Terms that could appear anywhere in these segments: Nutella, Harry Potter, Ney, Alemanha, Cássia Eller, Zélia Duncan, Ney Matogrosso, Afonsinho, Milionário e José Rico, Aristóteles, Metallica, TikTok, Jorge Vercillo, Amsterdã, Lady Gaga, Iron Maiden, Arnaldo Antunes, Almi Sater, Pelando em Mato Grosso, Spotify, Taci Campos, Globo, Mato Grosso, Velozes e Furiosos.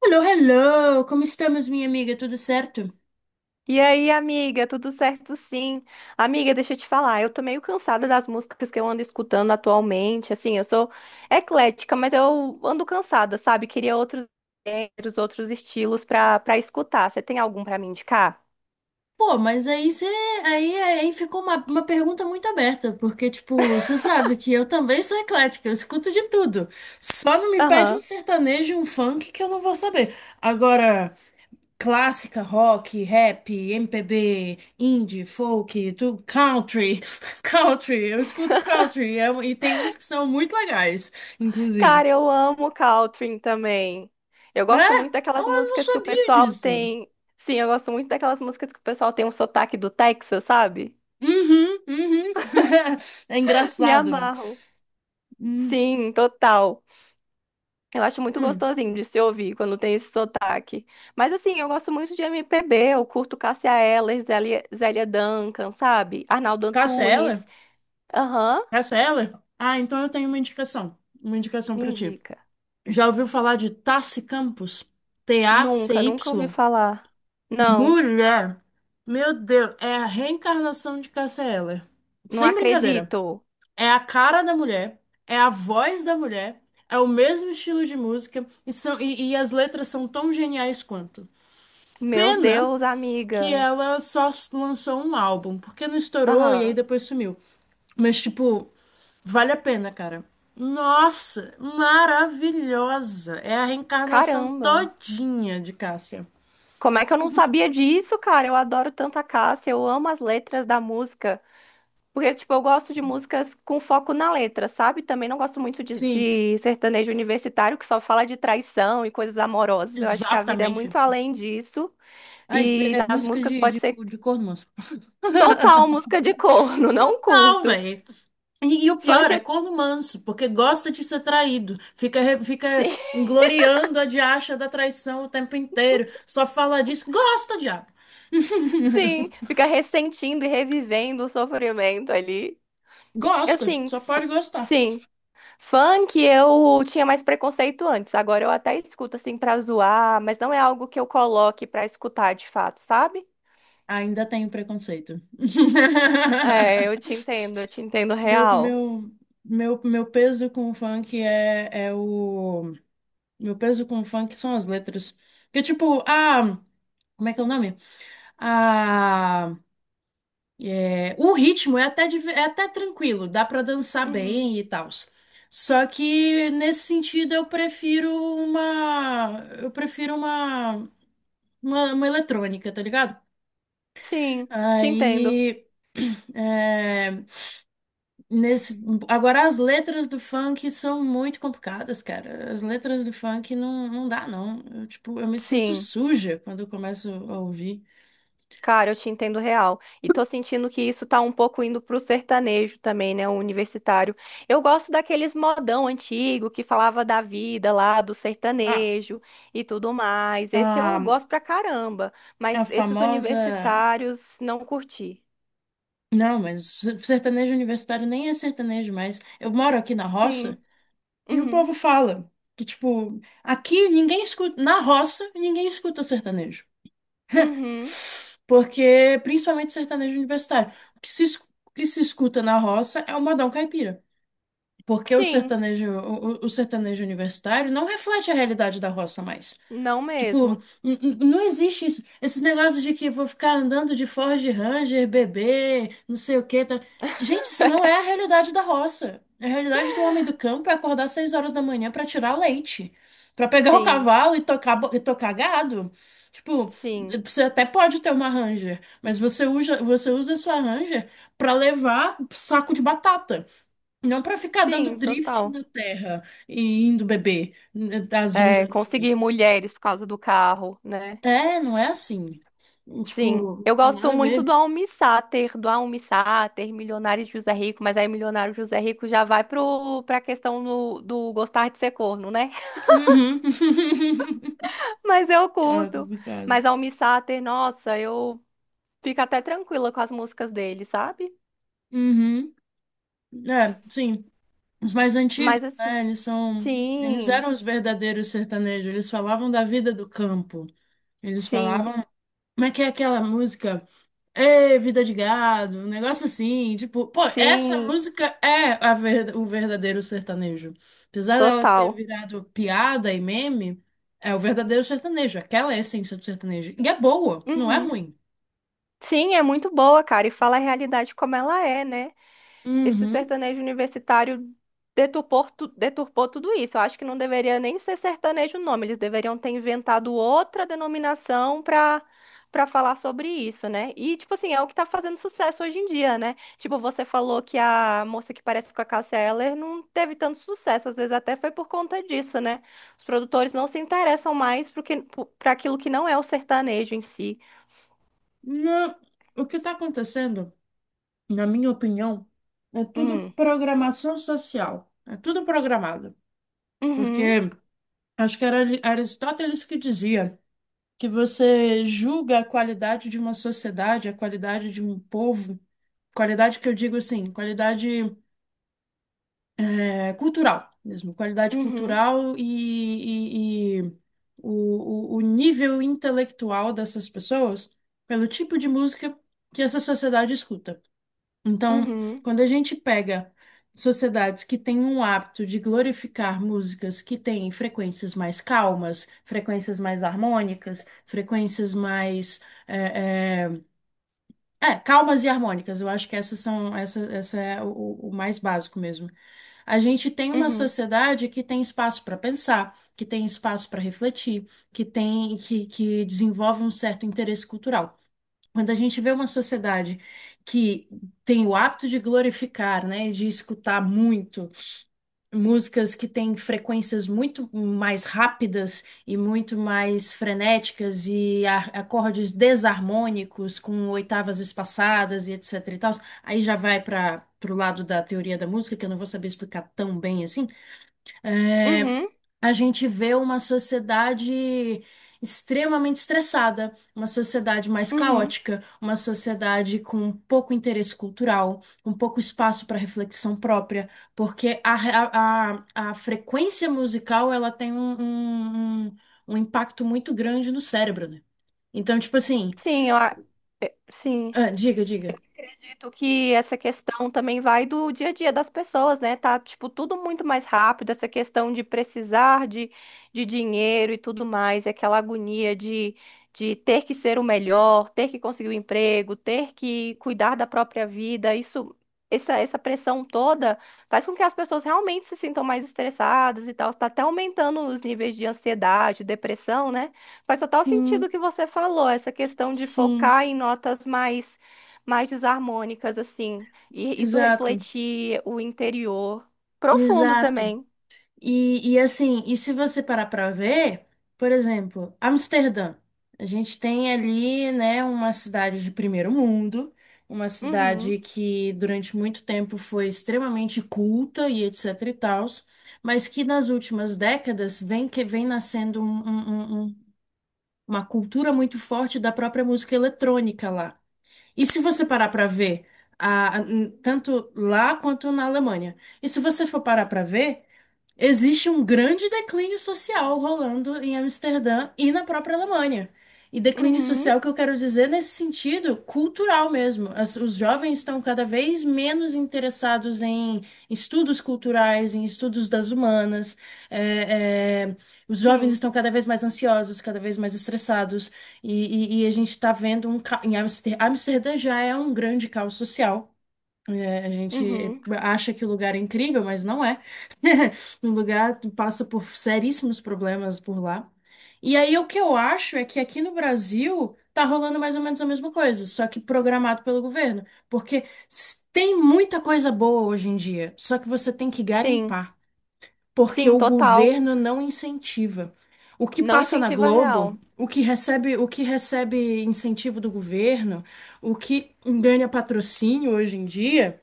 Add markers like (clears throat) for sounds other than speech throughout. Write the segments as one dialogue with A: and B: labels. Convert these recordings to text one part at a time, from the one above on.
A: Hello, hello! Como estamos, minha amiga? Tudo certo?
B: E aí, amiga, tudo certo? Sim. Amiga, deixa eu te falar, eu tô meio cansada das músicas que eu ando escutando atualmente. Assim, eu sou eclética, mas eu ando cansada, sabe? Queria outros gêneros, outros estilos pra escutar. Você tem algum pra me indicar?
A: Pô, mas aí você. Aí ficou uma pergunta muito aberta, porque, tipo, você sabe que eu também sou eclética, eu escuto de tudo. Só não me pede um
B: Aham.
A: sertanejo, e um funk que eu não vou saber. Agora, clássica, rock, rap, MPB, indie, folk, tu, country. (laughs) Country, eu escuto country, e tem uns que são muito legais, inclusive.
B: Cara, eu amo country também. Eu
A: É?
B: gosto muito
A: Oh,
B: daquelas
A: eu não
B: músicas que o
A: sabia
B: pessoal
A: disso.
B: tem. Sim, eu gosto muito daquelas músicas que o pessoal tem um sotaque do Texas, sabe?
A: Uhum, uhum. (laughs) É
B: Me
A: engraçado, velho.
B: amarro.
A: Hum,
B: Sim, total. Eu acho muito
A: hum.
B: gostosinho de se ouvir quando tem esse sotaque. Mas assim, eu gosto muito de MPB, eu curto Cássia Eller, Zélia, Zélia Duncan, sabe? Arnaldo
A: Cancela?
B: Antunes. Aham,
A: Cancela? Ah, então eu tenho uma indicação. Uma indicação
B: me
A: pra ti.
B: indica.
A: Já ouviu falar de Taci Campos?
B: Nunca ouvi
A: Tacy?
B: falar. Não,
A: Mulher! Meu Deus, é a reencarnação de Cássia Eller.
B: não
A: Sem brincadeira.
B: acredito.
A: É a cara da mulher, é a voz da mulher, é o mesmo estilo de música e as letras são tão geniais quanto.
B: Meu
A: Pena
B: Deus,
A: que
B: amiga.
A: ela só lançou um álbum, porque não estourou e aí
B: Aham,
A: depois sumiu. Mas, tipo, vale a pena, cara. Nossa, maravilhosa! É a reencarnação
B: caramba.
A: todinha de Cássia.
B: Como é que eu não sabia disso, cara? Eu adoro tanto a Cássia, eu amo as letras da música. Porque, tipo, eu gosto de músicas com foco na letra, sabe? Também não gosto muito de,
A: Sim,
B: de sertanejo universitário que só fala de traição e coisas amorosas. Eu acho que a vida é
A: exatamente.
B: muito além disso.
A: Ai,
B: E
A: é
B: nas
A: música
B: músicas pode ser
A: de corno manso.
B: total
A: (laughs)
B: música de corno, (laughs) não
A: Total,
B: curto.
A: velho. E o pior
B: Funk,
A: é
B: eu...
A: corno manso, porque gosta de ser traído. Fica
B: sim,
A: gloriando a diacha da traição o tempo inteiro. Só fala disso. Gosta, diabo.
B: (laughs) sim, fica ressentindo e revivendo o sofrimento ali.
A: Gosta,
B: Assim,
A: só pode gostar.
B: sim, funk eu tinha mais preconceito antes. Agora eu até escuto, assim, pra zoar, mas não é algo que eu coloque pra escutar de fato, sabe?
A: Ainda tenho preconceito.
B: É,
A: (laughs)
B: eu te entendo
A: Meu,
B: real.
A: meu, meu peso com o funk é, é o. Meu peso com o funk são as letras. Porque, tipo, a. Como é que é o nome? A. O ritmo é até tranquilo, dá pra dançar
B: Uhum.
A: bem e tal. Só que, nesse sentido, eu prefiro uma eletrônica, tá ligado?
B: Sim, te entendo.
A: Aí, (clears throat) é, nesse, agora as letras do funk são muito complicadas, cara. As letras do funk não dá, não. Tipo, eu me sinto
B: Sim,
A: suja quando eu começo a ouvir.
B: cara, eu te entendo real. E tô sentindo que isso tá um pouco indo pro sertanejo também, né? O universitário. Eu gosto daqueles modão antigo que falava da vida lá, do
A: Ah,
B: sertanejo e tudo mais. Esse eu
A: a,
B: gosto pra caramba.
A: a
B: Mas esses
A: famosa.
B: universitários não curti.
A: Não, mas sertanejo universitário nem é sertanejo mais. Eu moro aqui na roça
B: Sim.
A: e o
B: Uhum.
A: povo fala que, tipo, aqui ninguém escuta. Na roça, ninguém escuta sertanejo.
B: Uhum.
A: Porque, principalmente sertanejo universitário, o que se escuta na roça é o modão caipira. Porque o
B: Sim.
A: sertanejo, o, o- o sertanejo universitário não reflete a realidade da roça mais.
B: Não
A: Tipo,
B: mesmo.
A: não existe isso. Esses negócios de que vou ficar andando de Ford Ranger, bebê, não sei o que Tá... Gente, isso não é a
B: (laughs)
A: realidade da roça. A realidade do homem do campo é acordar às 6 horas da manhã pra tirar leite, pra pegar o
B: Sim,
A: cavalo e tocar gado. Tipo,
B: sim,
A: você até pode ter uma Ranger, mas você usa a sua Ranger pra levar saco de batata, não pra ficar dando
B: sim,
A: drift na
B: total.
A: terra e indo beber, né, às 11
B: É,
A: horas da
B: conseguir
A: noite.
B: mulheres por causa do carro, né?
A: É, não é assim.
B: Sim.
A: Tipo, não
B: Eu
A: tem
B: gosto
A: nada a
B: muito
A: ver.
B: do Almi Sater, Milionário de José Rico, mas aí Milionário José Rico já vai pra questão do, do gostar de ser corno, né?
A: Uhum. (laughs)
B: (laughs) Mas eu
A: Ah,
B: curto.
A: complicado.
B: Mas Almi Sater, nossa, eu fico até tranquila com as músicas dele, sabe?
A: Uhum. É, sim. Os mais antigos,
B: Mas
A: né?
B: assim,
A: Eles são. Eles
B: sim,
A: eram os verdadeiros sertanejos. Eles falavam da vida do campo. Eles
B: sim,
A: falavam. Como é que é aquela música? Ê, vida de gado, um negócio assim, tipo, pô, essa
B: sim,
A: música é o verdadeiro sertanejo. Apesar dela ter
B: total.
A: virado piada e meme, é o verdadeiro sertanejo, aquela é a essência do sertanejo. E é boa, não é
B: Uhum.
A: ruim.
B: Sim, é muito boa, cara, e fala a realidade como ela é, né? Esse
A: Uhum.
B: sertanejo universitário deturpou, deturpou tudo isso. Eu acho que não deveria nem ser sertanejo o nome, eles deveriam ter inventado outra denominação para falar sobre isso, né? E, tipo assim, é o que tá fazendo sucesso hoje em dia, né? Tipo, você falou que a moça que parece com a Cássia Eller não teve tanto sucesso, às vezes até foi por conta disso, né? Os produtores não se interessam mais para aquilo que não é o sertanejo em si.
A: Não, o que está acontecendo, na minha opinião, é tudo
B: Hum.
A: programação social. É tudo programado. Porque
B: Uhum,
A: acho que era Aristóteles que dizia, que você julga a qualidade de uma sociedade, a qualidade de um povo, qualidade que eu digo assim, qualidade é, cultural mesmo, qualidade
B: uhum,
A: cultural e o nível intelectual dessas pessoas pelo tipo de música que essa sociedade escuta. Então,
B: uhum,
A: quando a gente pega sociedades que têm um hábito de glorificar músicas que têm frequências mais calmas, frequências mais harmônicas, frequências mais é, é, calmas e harmônicas, eu acho que essa é o mais básico mesmo. A gente tem uma
B: uhum,
A: sociedade que tem espaço para pensar, que tem espaço para refletir, que desenvolve um certo interesse cultural. Quando a gente vê uma sociedade que tem o hábito de glorificar, né, e de escutar muito músicas que têm frequências muito mais rápidas e muito mais frenéticas e acordes desarmônicos com oitavas espaçadas e etc e tal, aí já vai para pro lado da teoria da música, que eu não vou saber explicar tão bem assim.
B: uhum,
A: é,
B: uhum,
A: a gente vê uma sociedade extremamente estressada, uma sociedade mais
B: uhum.
A: caótica, uma sociedade com pouco interesse cultural, com pouco espaço para reflexão própria, porque a, re- a frequência musical ela tem um impacto muito grande no cérebro, né? Então, tipo assim,
B: Sim, sim
A: ah, diga, diga.
B: acredito que essa questão também vai do dia a dia das pessoas, né? Tá, tipo, tudo muito mais rápido, essa questão de precisar de dinheiro e tudo mais, é aquela agonia de ter que ser o melhor, ter que conseguir o emprego, ter que cuidar da própria vida, isso. Essa pressão toda faz com que as pessoas realmente se sintam mais estressadas e tal. Está até aumentando os níveis de ansiedade, depressão, né? Faz total sentido o
A: Sim,
B: que você falou, essa questão de
A: sim,
B: focar em notas mais desarmônicas, assim, e isso
A: exato,
B: refletir o interior profundo
A: exato.
B: também.
A: E assim, e se você parar para ver, por exemplo, Amsterdã. A gente tem ali, né, uma cidade de primeiro mundo, uma cidade
B: Uhum,
A: que durante muito tempo foi extremamente culta e etc e tals, mas que nas últimas décadas vem que vem nascendo uma cultura muito forte da própria música eletrônica lá. E se você parar para ver, a- a- tanto lá quanto na Alemanha. E se você for parar para ver. Existe um grande declínio social rolando em Amsterdã e na própria Alemanha. E declínio
B: uhum,
A: social que eu quero dizer nesse sentido cultural mesmo. Os jovens estão cada vez menos interessados em estudos culturais, em estudos das humanas. É, é, os jovens
B: sim,
A: estão cada vez mais ansiosos, cada vez mais estressados. E a gente está vendo. Amsterdã já é um grande caos social. A gente
B: uhum,
A: acha que o lugar é incrível, mas não é. (laughs) O lugar passa por seríssimos problemas por lá. E aí o que eu acho é que aqui no Brasil tá rolando mais ou menos a mesma coisa, só que programado pelo governo, porque tem muita coisa boa hoje em dia, só que você tem que
B: sim,
A: garimpar, porque
B: sim,
A: o
B: total.
A: governo não incentiva. O que
B: Não
A: passa na
B: incentiva
A: Globo,
B: real.
A: o que recebe incentivo do governo, o que ganha patrocínio hoje em dia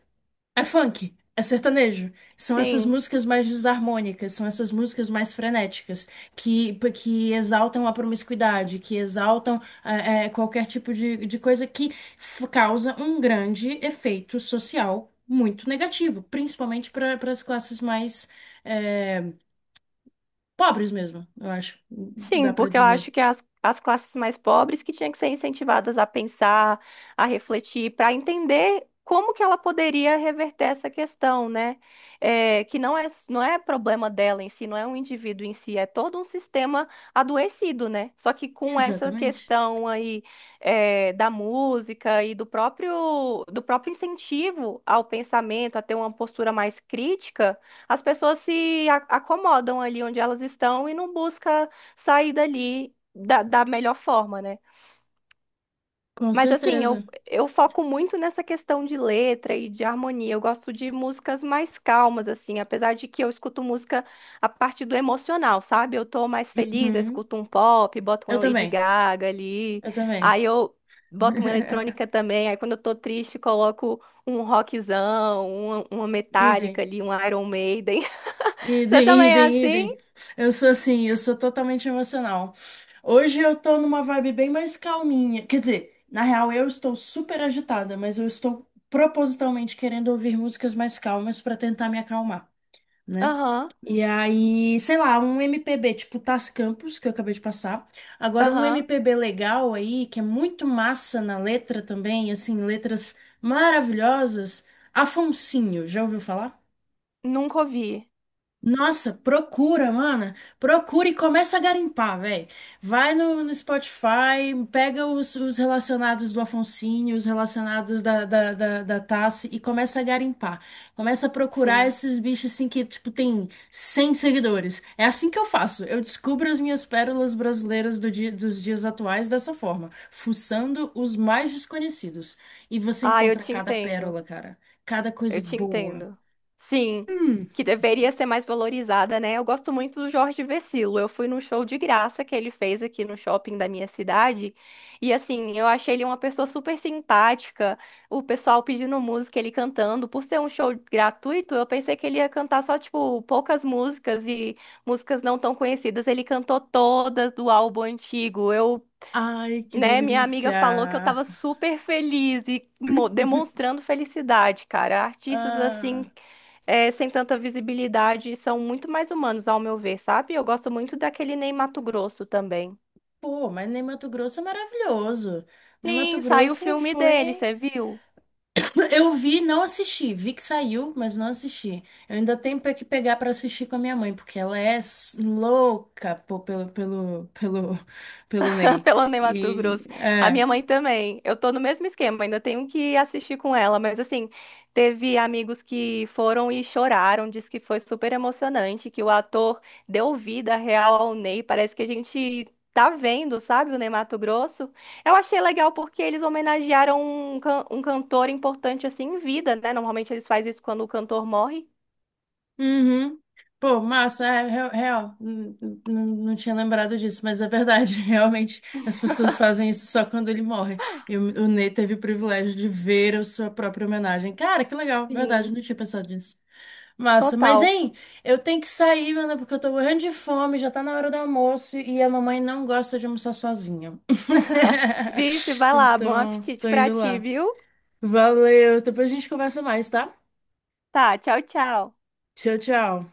A: é funk, é sertanejo. São essas
B: Sim.
A: músicas mais desarmônicas, são essas músicas mais frenéticas, que exaltam a promiscuidade, que exaltam qualquer tipo de coisa que causa um grande efeito social muito negativo, principalmente para as classes mais eh, pobres mesmo, eu acho, dá
B: Sim,
A: para
B: porque eu
A: dizer.
B: acho que as classes mais pobres que tinham que ser incentivadas a pensar, a refletir, para entender como que ela poderia reverter essa questão, né? É, que não é, não é problema dela em si, não é um indivíduo em si, é todo um sistema adoecido, né? Só que com essa
A: Exatamente,
B: questão aí é, da música e do próprio incentivo ao pensamento, a ter uma postura mais crítica, as pessoas se acomodam ali onde elas estão e não busca sair dali da melhor forma, né?
A: com
B: Mas assim,
A: certeza.
B: eu foco muito nessa questão de letra e de harmonia. Eu gosto de músicas mais calmas, assim, apesar de que eu escuto música a partir do emocional, sabe? Eu tô mais feliz, eu
A: Uhum.
B: escuto um pop, boto uma
A: Eu
B: Lady
A: também,
B: Gaga ali,
A: eu também.
B: aí eu boto uma
A: (laughs)
B: eletrônica também, aí quando eu tô triste, coloco um rockzão, uma
A: Idem.
B: Metallica ali, um Iron Maiden. (laughs) Você
A: Idem,
B: também é
A: idem,
B: assim?
A: idem. Eu sou assim, eu sou totalmente emocional. Hoje eu tô numa vibe bem mais calminha. Quer dizer, na real eu estou super agitada, mas eu estou propositalmente querendo ouvir músicas mais calmas pra tentar me acalmar, né?
B: Aham,
A: E aí, sei lá, um MPB tipo Tás Campos, que eu acabei de passar. Agora um
B: aham.
A: MPB legal aí, que é muito massa na letra também, assim, letras maravilhosas. Afonsinho, já ouviu falar?
B: Nunca ouvi.
A: Nossa, procura, mana. Procura e começa a garimpar, velho. Vai no Spotify, pega os relacionados do Afonsinho, os relacionados da Tassi e começa a garimpar. Começa a procurar
B: Sim.
A: esses bichos assim que, tipo, tem 100 seguidores. É assim que eu faço. Eu descubro as minhas pérolas brasileiras dos dias atuais dessa forma, fuçando os mais desconhecidos. E você
B: Ah, eu
A: encontra
B: te
A: cada
B: entendo.
A: pérola, cara. Cada coisa
B: Eu te
A: boa.
B: entendo. Sim, que deveria ser mais valorizada, né? Eu gosto muito do Jorge Vercillo. Eu fui num show de graça que ele fez aqui no shopping da minha cidade. E assim, eu achei ele uma pessoa super simpática. O pessoal pedindo música, ele cantando. Por ser um show gratuito, eu pensei que ele ia cantar só, tipo, poucas músicas e músicas não tão conhecidas. Ele cantou todas do álbum antigo. Eu
A: Ai, que
B: né, minha amiga falou que eu
A: delícia!
B: tava super feliz e demonstrando felicidade, cara. Artistas
A: Ah,
B: assim, sem tanta visibilidade, são muito mais humanos, ao meu ver, sabe? Eu gosto muito daquele Ney Matogrosso também.
A: pô, mas nem Mato Grosso é maravilhoso. Nem Mato
B: Sim, saiu o
A: Grosso
B: filme dele,
A: foi.
B: você viu?
A: Eu vi, não assisti. Vi que saiu, mas não assisti. Eu ainda tenho pra que pegar pra assistir com a minha mãe, porque ela é louca pô, (laughs) pelo
B: (laughs)
A: Ney.
B: Pelando em Mato
A: E
B: Grosso. A
A: é.
B: minha mãe também. Eu tô no mesmo esquema, ainda tenho que assistir com ela, mas assim, teve amigos que foram e choraram, disse que foi super emocionante, que o ator deu vida real ao Ney, parece que a gente tá vendo, sabe, o Ney Mato Grosso. Eu achei legal porque eles homenagearam um cantor importante assim em vida, né? Normalmente eles fazem isso quando o cantor morre.
A: Uhum. Pô, massa, é real, real. Não tinha lembrado disso, mas é verdade. (laughs) Realmente, as pessoas fazem isso só quando ele morre. E o Ney teve o privilégio de ver a sua própria homenagem. Cara, que legal, verdade, não
B: Sim,
A: tinha pensado nisso. Massa, mas
B: total.
A: hein, eu tenho que sair, mano, porque eu tô morrendo de fome, já tá na hora do almoço e a mamãe não gosta de almoçar sozinha.
B: (laughs)
A: (laughs)
B: Vixe, vai lá, bom
A: Então,
B: apetite
A: tô
B: pra
A: indo
B: ti,
A: lá.
B: viu?
A: Valeu, depois a gente conversa mais, tá?
B: Tá, tchau, tchau.
A: Tchau, tchau.